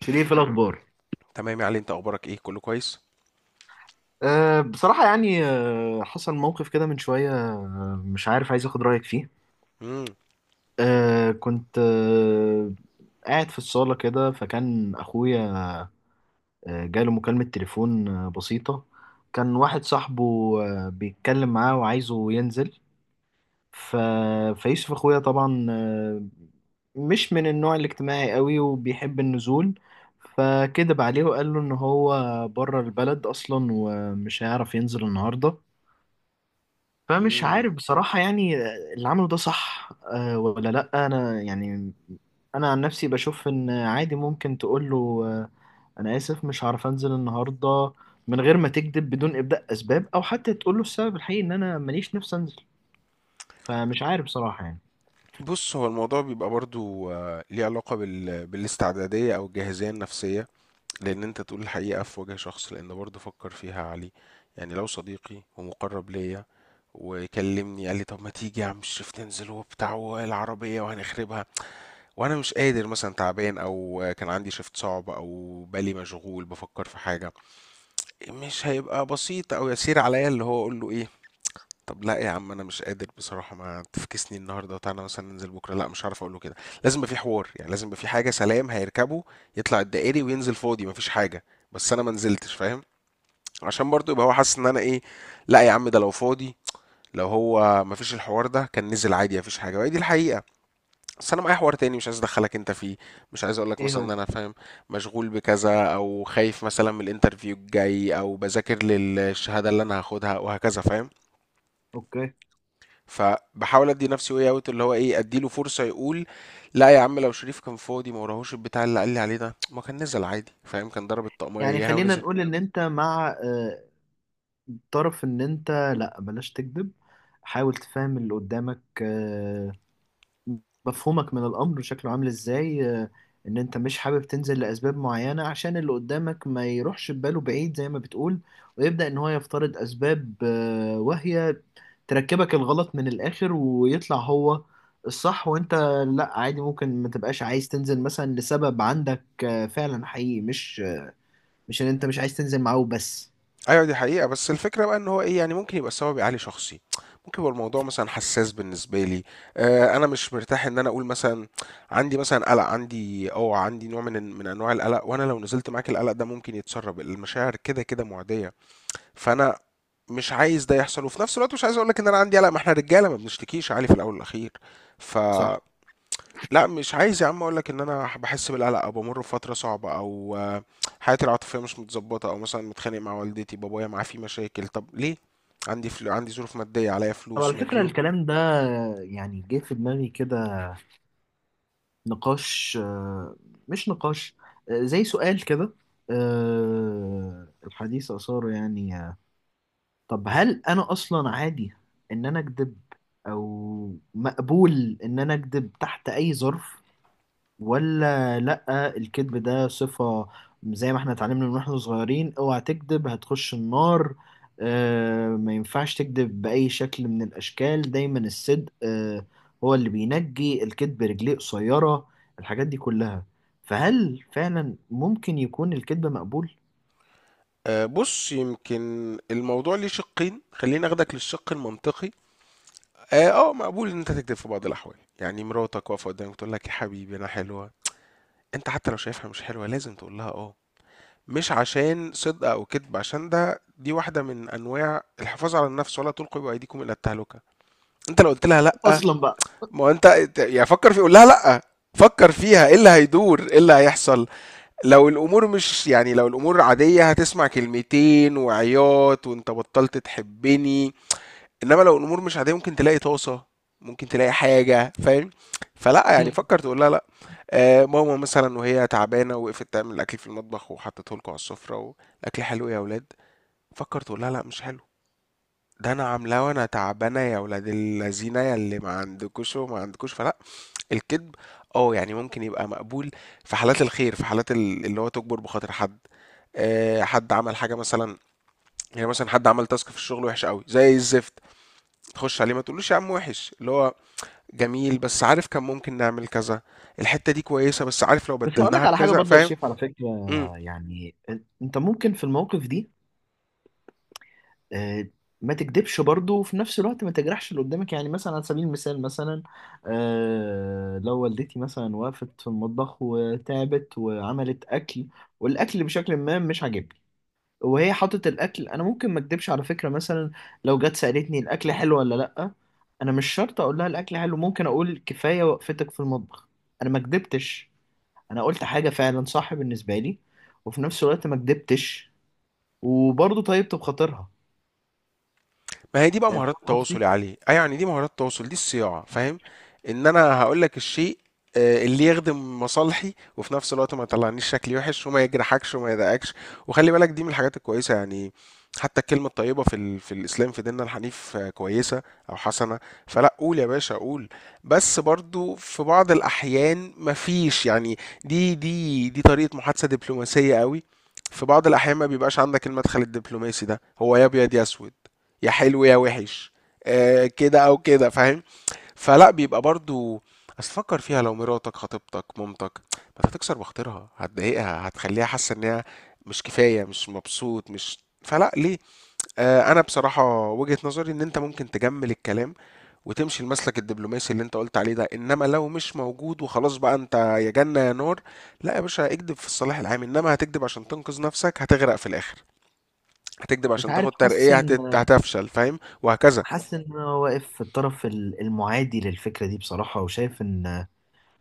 شريف، إيه الأخبار؟ تمام يا علي، انت اخبارك ايه؟ كله كويس؟ بصراحة يعني حصل موقف كده من شوية، مش عارف، عايز أخد رأيك فيه. امم. كنت قاعد في الصالة كده، فكان أخويا، جاله مكالمة تليفون، بسيطة. كان واحد صاحبه، بيتكلم معاه وعايزه ينزل. ف... فيوسف أخويا طبعا، مش من النوع الاجتماعي قوي وبيحب النزول، فكدب عليه وقال له ان هو بره البلد اصلا ومش هيعرف ينزل النهارده. فمش عارف امم. بصراحة يعني اللي عمله ده صح، ولا لأ. أنا يعني أنا عن نفسي بشوف إن عادي، ممكن تقول له، أنا آسف مش هعرف أنزل النهاردة، من غير ما تكذب، بدون إبداء أسباب، أو حتى تقول له السبب الحقيقي إن أنا ماليش نفسي أنزل. فمش عارف بصراحة يعني. بص، هو الموضوع بيبقى برضو ليه علاقة بالاستعدادية او الجاهزية النفسية. لان انت تقول الحقيقة في وجه شخص، لان برضو فكر فيها يا علي. يعني لو صديقي ومقرب ليا وكلمني قال لي طب ما تيجي يا عم شريف تنزل وبتاع والعربية وهنخربها، وانا مش قادر مثلا، تعبان او كان عندي شفت صعب او بالي مشغول بفكر في حاجة، مش هيبقى بسيط او يسير عليا اللي هو اقول له ايه. طب لا يا عم انا مش قادر بصراحه، ما تفكسني النهارده، تعالى مثلا ننزل بكره. لا مش هعرف اقول له كده. لازم يبقى في حوار، يعني لازم يبقى في حاجه. سلام هيركبه يطلع الدائري وينزل فاضي مفيش حاجه، بس انا ما نزلتش، فاهم؟ عشان برضو يبقى هو حاسس ان انا ايه. لا يا عم ده لو فاضي، لو هو مفيش الحوار ده كان نزل عادي مفيش حاجه، وهي دي الحقيقه. بس انا معايا حوار تاني مش عايز ادخلك انت فيه. مش عايز اقول لك إيه مثلا ان هو؟ انا فاهم مشغول بكذا او خايف مثلا من الانترفيو الجاي او بذاكر للشهاده اللي انا هاخدها وهكذا، فاهم؟ أوكي. فباحاول ادي نفسي واي اوت، اللي هو ايه، اديله فرصه يقول لا يا عم لو شريف كان فاضي ما وراهوش البتاع اللي قال لي عليه ده ما كان نزل عادي، فاهم؟ كان ضرب الطقمية يعني اياها خلينا ونزل. نقول إن أنت مع، طرف إن أنت لأ، بلاش تكذب، حاول تفهم اللي قدامك، مفهومك من الأمر شكله عامل إزاي، إن أنت مش حابب تنزل لأسباب معينة عشان اللي قدامك ما يروحش بباله بعيد زي ما بتقول، ويبدأ إن هو يفترض أسباب، واهية، تركبك الغلط من الآخر ويطلع هو الصح وأنت لأ. عادي ممكن ما تبقاش عايز تنزل مثلا لسبب عندك، فعلا حقيقي، مش إن أنت مش عايز تنزل معاه وبس. ايوه دي حقيقه، بس الفكره بقى ان هو ايه، يعني ممكن يبقى السبب عالي شخصي، ممكن يبقى الموضوع مثلا حساس بالنسبه لي. آه انا مش مرتاح ان انا اقول مثلا عندي، مثلا قلق عندي، او عندي نوع من انواع القلق، وانا لو نزلت معاك القلق ده ممكن يتسرب، المشاعر كده كده معديه. فانا مش عايز ده يحصل، وفي نفس الوقت مش عايز اقول لك ان انا عندي قلق، ما احنا رجاله ما بنشتكيش يا علي في الاول والاخير. ف صح. لا مش عايز يا عم اقول لك ان انا بحس بالقلق او بمر بفتره صعبه او حياتي العاطفيه مش متظبطه او مثلا متخانق مع والدتي، بابايا معاه في مشاكل. طب ليه؟ عندي، فلو عندي ظروف ماديه عليا طب فلوس على فكرة مديون. الكلام ده، يعني جه في دماغي كده نقاش، مش نقاش، زي سؤال كده، الحديث أثاره يعني، طب هل أنا أصلا عادي إن أنا أكذب، أو مقبول إن أنا أكذب تحت أي ظرف، ولا لأ؟ الكذب ده صفة زي ما احنا اتعلمنا من واحنا صغيرين، اوعى تكذب هتخش النار، اه ما ينفعش تكذب بأي شكل من الأشكال، دايما الصدق اه هو اللي بينجي، الكذب رجليه قصيرة، الحاجات دي كلها. فهل فعلا ممكن يكون الكذب مقبول؟ بص يمكن الموضوع ليه شقين، خليني اخدك للشق المنطقي. اه، مقبول ان انت تكذب في بعض الاحوال. يعني مراتك واقفه قدامك تقول لك يا حبيبي انا حلوه، انت حتى لو شايفها مش حلوه لازم تقول لها اه. مش عشان صدق او كذب، عشان ده دي واحده من انواع الحفاظ على النفس، ولا تلقوا بايديكم الى التهلكه. انت لو قلت لها لا، أصلا بقى. ما هو انت يعني فكر في قول لها لا. فكر فيها ايه اللي هيدور ايه اللي هيحصل. لو الامور مش، يعني لو الامور عاديه هتسمع كلمتين وعياط وانت بطلت تحبني. إنما لو الأمور مش عادية ممكن تلاقي طاسة، ممكن تلاقي حاجة، فاهم؟ فلأ، يعني فكّر تقول لها لأ. ماما مثلًا وهي تعبانة وقفت تعمل الأكل في المطبخ وحطّته لكم على السفرة، والأكل حلو يا ولاد، فكّر تقول لها لأ مش حلو، ده أنا عاملاه وأنا تعبانة يا ولاد اللذينة يا اللي ما عندكوش وما عندكوش. فلأ، الكدب يعني ممكن يبقى مقبول، في حالات الخير، في حالات اللي هو تُجبر بخاطر حد. حد عمل حاجة مثلًا، يعني مثلًا حد عمل task في الشغل وِحِش أوي زي الزفت، تخُش عليه ما تقولوش يا عم وِحِش، اللي هو جميل، بس عارف كان ممكن نعمل كذا، الحتة دي كويسة بس عارف لو بس هقول لك بدلناها على حاجة بكذا، برضو يا فاهم؟ شريف على فكرة. إمم. يعني انت ممكن في الموقف دي آه، ما تكدبش برضه وفي نفس الوقت ما تجرحش اللي قدامك. يعني مثلا على سبيل المثال مثلا، لو والدتي مثلا وقفت في المطبخ وتعبت وعملت أكل، والأكل بشكل ما مش عاجبني، وهي حاطت الأكل، أنا ممكن ما أكدبش على فكرة مثلا. لو جت سألتني الأكل حلو ولا لأ، أنا مش شرط أقول لها الأكل حلو، ممكن أقول كفاية وقفتك في المطبخ. أنا ما كدبتش، أنا قلت حاجة فعلا صح بالنسبة لي، وفي نفس الوقت ما كدبتش، وبرضه طيبت بخاطرها. ما هي دي بقى مهارات فاهم التواصل يا قصدي؟ علي، اه يعني دي مهارات التواصل دي الصياعة، فاهم؟ ان انا هقول لك الشيء اللي يخدم مصالحي، وفي نفس الوقت ما يطلعنيش شكلي وحش وما يجرحكش وما يضايقكش. وخلي بالك دي من الحاجات الكويسة يعني، حتى الكلمة الطيبة في الإسلام، في ديننا الحنيف كويسة أو حسنة. فلا، قول يا باشا قول. بس برضو في بعض الأحيان مفيش يعني، دي طريقة محادثة دبلوماسية قوي. في بعض الأحيان ما بيبقاش عندك المدخل الدبلوماسي ده، هو يا أبيض يا أسود، يا حلو يا وحش، كده او كده، فاهم؟ فلا بيبقى برضو، اصل فكر فيها لو مراتك، خطيبتك، مامتك، ما أنت هتكسر بخاطرها هتضايقها هتخليها حاسه ان هي مش كفايه، مش مبسوط، مش، فلا ليه. انا بصراحه وجهه نظري ان انت ممكن تجمل الكلام وتمشي المسلك الدبلوماسي اللي انت قلت عليه ده، انما لو مش موجود وخلاص بقى انت يا جنه يا نار. لا يا باشا اكدب في الصلاح العام، انما هتكدب عشان تنقذ نفسك هتغرق في الاخر، هتكدب مش عشان عارف، تاخد حاسس ترقيه ان هتفشل، فاهم؟ وهكذا. حاسس ان انا واقف في الطرف المعادي للفكره دي بصراحه، وشايف ان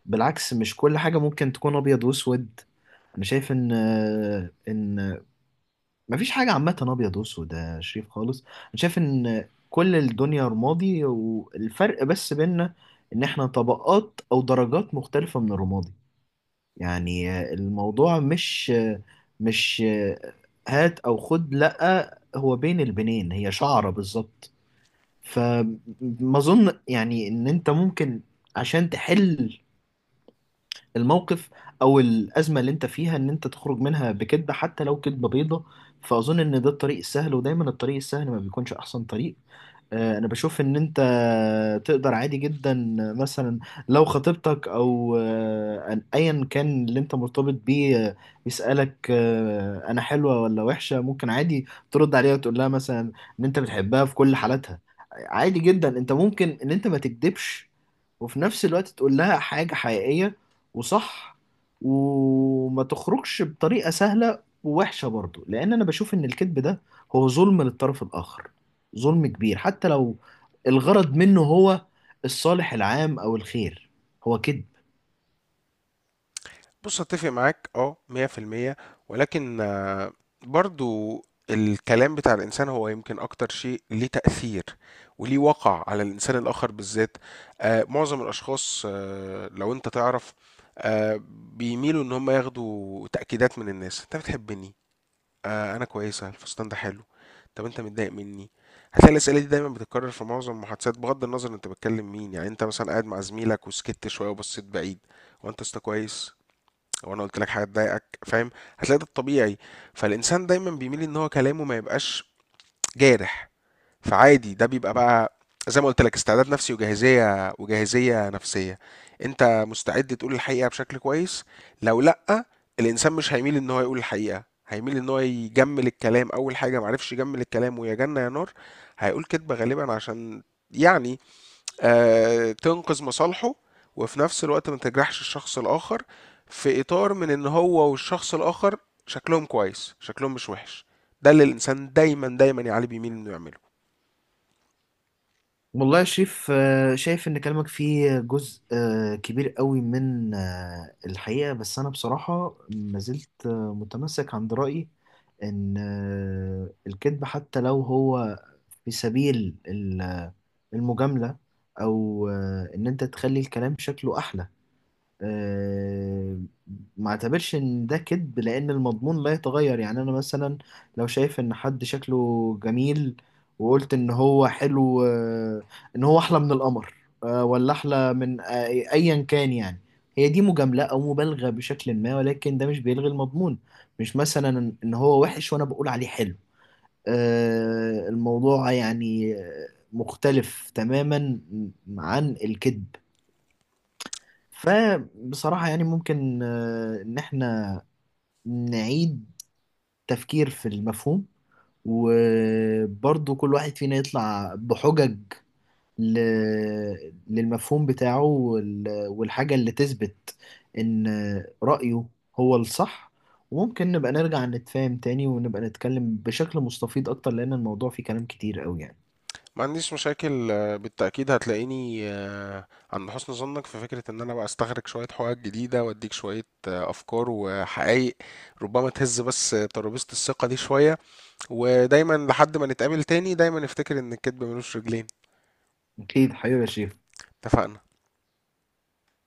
بالعكس مش كل حاجه ممكن تكون ابيض واسود. انا شايف ان ان مفيش حاجه عامه ابيض واسود يا شريف خالص. انا شايف ان كل الدنيا رمادي والفرق بس بيننا ان احنا طبقات او درجات مختلفه من الرمادي. يعني الموضوع مش هات او خد، لا هو بين البنين هي شعره بالظبط. فما اظن يعني ان انت ممكن، عشان تحل الموقف او الازمه اللي انت فيها، ان انت تخرج منها بكذبه حتى لو كذبه بيضه. فاظن ان ده الطريق السهل، ودايما الطريق السهل ما بيكونش احسن طريق. انا بشوف ان انت تقدر عادي جدا مثلا، لو خطيبتك او، ايا كان اللي انت مرتبط بيه، يسألك، انا حلوة ولا وحشة، ممكن عادي ترد عليها وتقول لها مثلا ان انت بتحبها في كل حالاتها. عادي جدا انت ممكن ان انت ما تكدبش، وفي نفس الوقت تقول لها حاجة حقيقية وصح، وما تخرجش بطريقة سهلة ووحشة، برضو لان انا بشوف ان الكذب ده هو ظلم للطرف الاخر. ظلم كبير، حتى لو الغرض منه هو الصالح العام أو الخير، هو كذب. بُص أتّفق معاك 100% ولكن برضه، الكلام بتاع الإنسان هو يمكن أكتر شيء ليه تأثير وليه وَقع على الإنسان الآخر بالذات. معظم الأشخاص لو أنت تعرف، آآ بيميلوا إن هم ياخدوا تأكيدات من الناس، أنت بتحبني، أنا كويسة، الفستان ده حلو، طب أنت متضايق مني؟ هتلاقي الأسئلة دي دايمًا بتتكرر في معظم المحادثات، بغض النظر أنت بتكلم مين. يعني أنت مثلًا قاعد مع زميلك وسكت شوية وبصيت بعيد، هو أنت يا اسطى كويس؟ لو انا قلت لك حاجه تضايقك، فاهم؟ هتلاقي ده الطبيعي. فالانسان دايما بيميل ان هو كلامه ما يبقاش جارح. فعادي ده بيبقى بقى، زي ما قلت لك استعداد نفسي وجاهزيه، وجاهزيه نفسيه. انت مستعد تقول الحقيقه بشكل كويس، لو لا الانسان مش هيميل ان هو يقول الحقيقه، هيميل ان هو يجمل الكلام. اول حاجه معرفش يجمل الكلام ويا جنه يا نار، هيقول كذبه غالبا عشان يعني تنقذ مصالحه وفي نفس الوقت ما تجرحش الشخص الآخر، في إطار من إن هو والشخص الآخر شكلهم كويس شكلهم مش وحش. ده اللي الإنسان دايما دايما يا علي بيميل إنه يعمله. والله يا شريف، شايف إن كلامك فيه جزء، كبير قوي من، الحقيقة، بس أنا بصراحة ما زلت، متمسك عند رأيي إن، الكذب حتى لو هو في سبيل المجاملة أو، إن أنت تخلي الكلام شكله أحلى، آه، ما اعتبرش ان ده كذب لان المضمون لا يتغير. يعني انا مثلا لو شايف ان حد شكله جميل، وقلت ان هو حلو، ان هو احلى من القمر، ولا احلى من ايا كان يعني، هي دي مجاملة او مبالغة بشكل ما، ولكن ده مش بيلغي المضمون. مش مثلا ان هو وحش وانا بقول عليه حلو. الموضوع يعني، مختلف تماما عن الكذب. فبصراحة يعني ممكن، إن إحنا نعيد تفكير في المفهوم، وبرضه كل واحد فينا يطلع بحجج ل... للمفهوم بتاعه والحاجة اللي تثبت إن رأيه هو الصح، وممكن نبقى نرجع نتفاهم تاني ونبقى نتكلم بشكل مستفيض أكتر، لأن الموضوع فيه كلام كتير أوي يعني. ما عنديش مشاكل، بالتأكيد هتلاقيني عند حسن ظنك في فكرة إن أنا بقى أستخرج شوية حقائق جديدة وأديك شوية أفكار وحقائق ربما تهز بس ترابيزة الثقة دي شوية. ودايما لحد ما نتقابل تاني، دايما افتكر إن الكدب ملوش رجلين. أكيد حبيبي يا شريف. اتفقنا.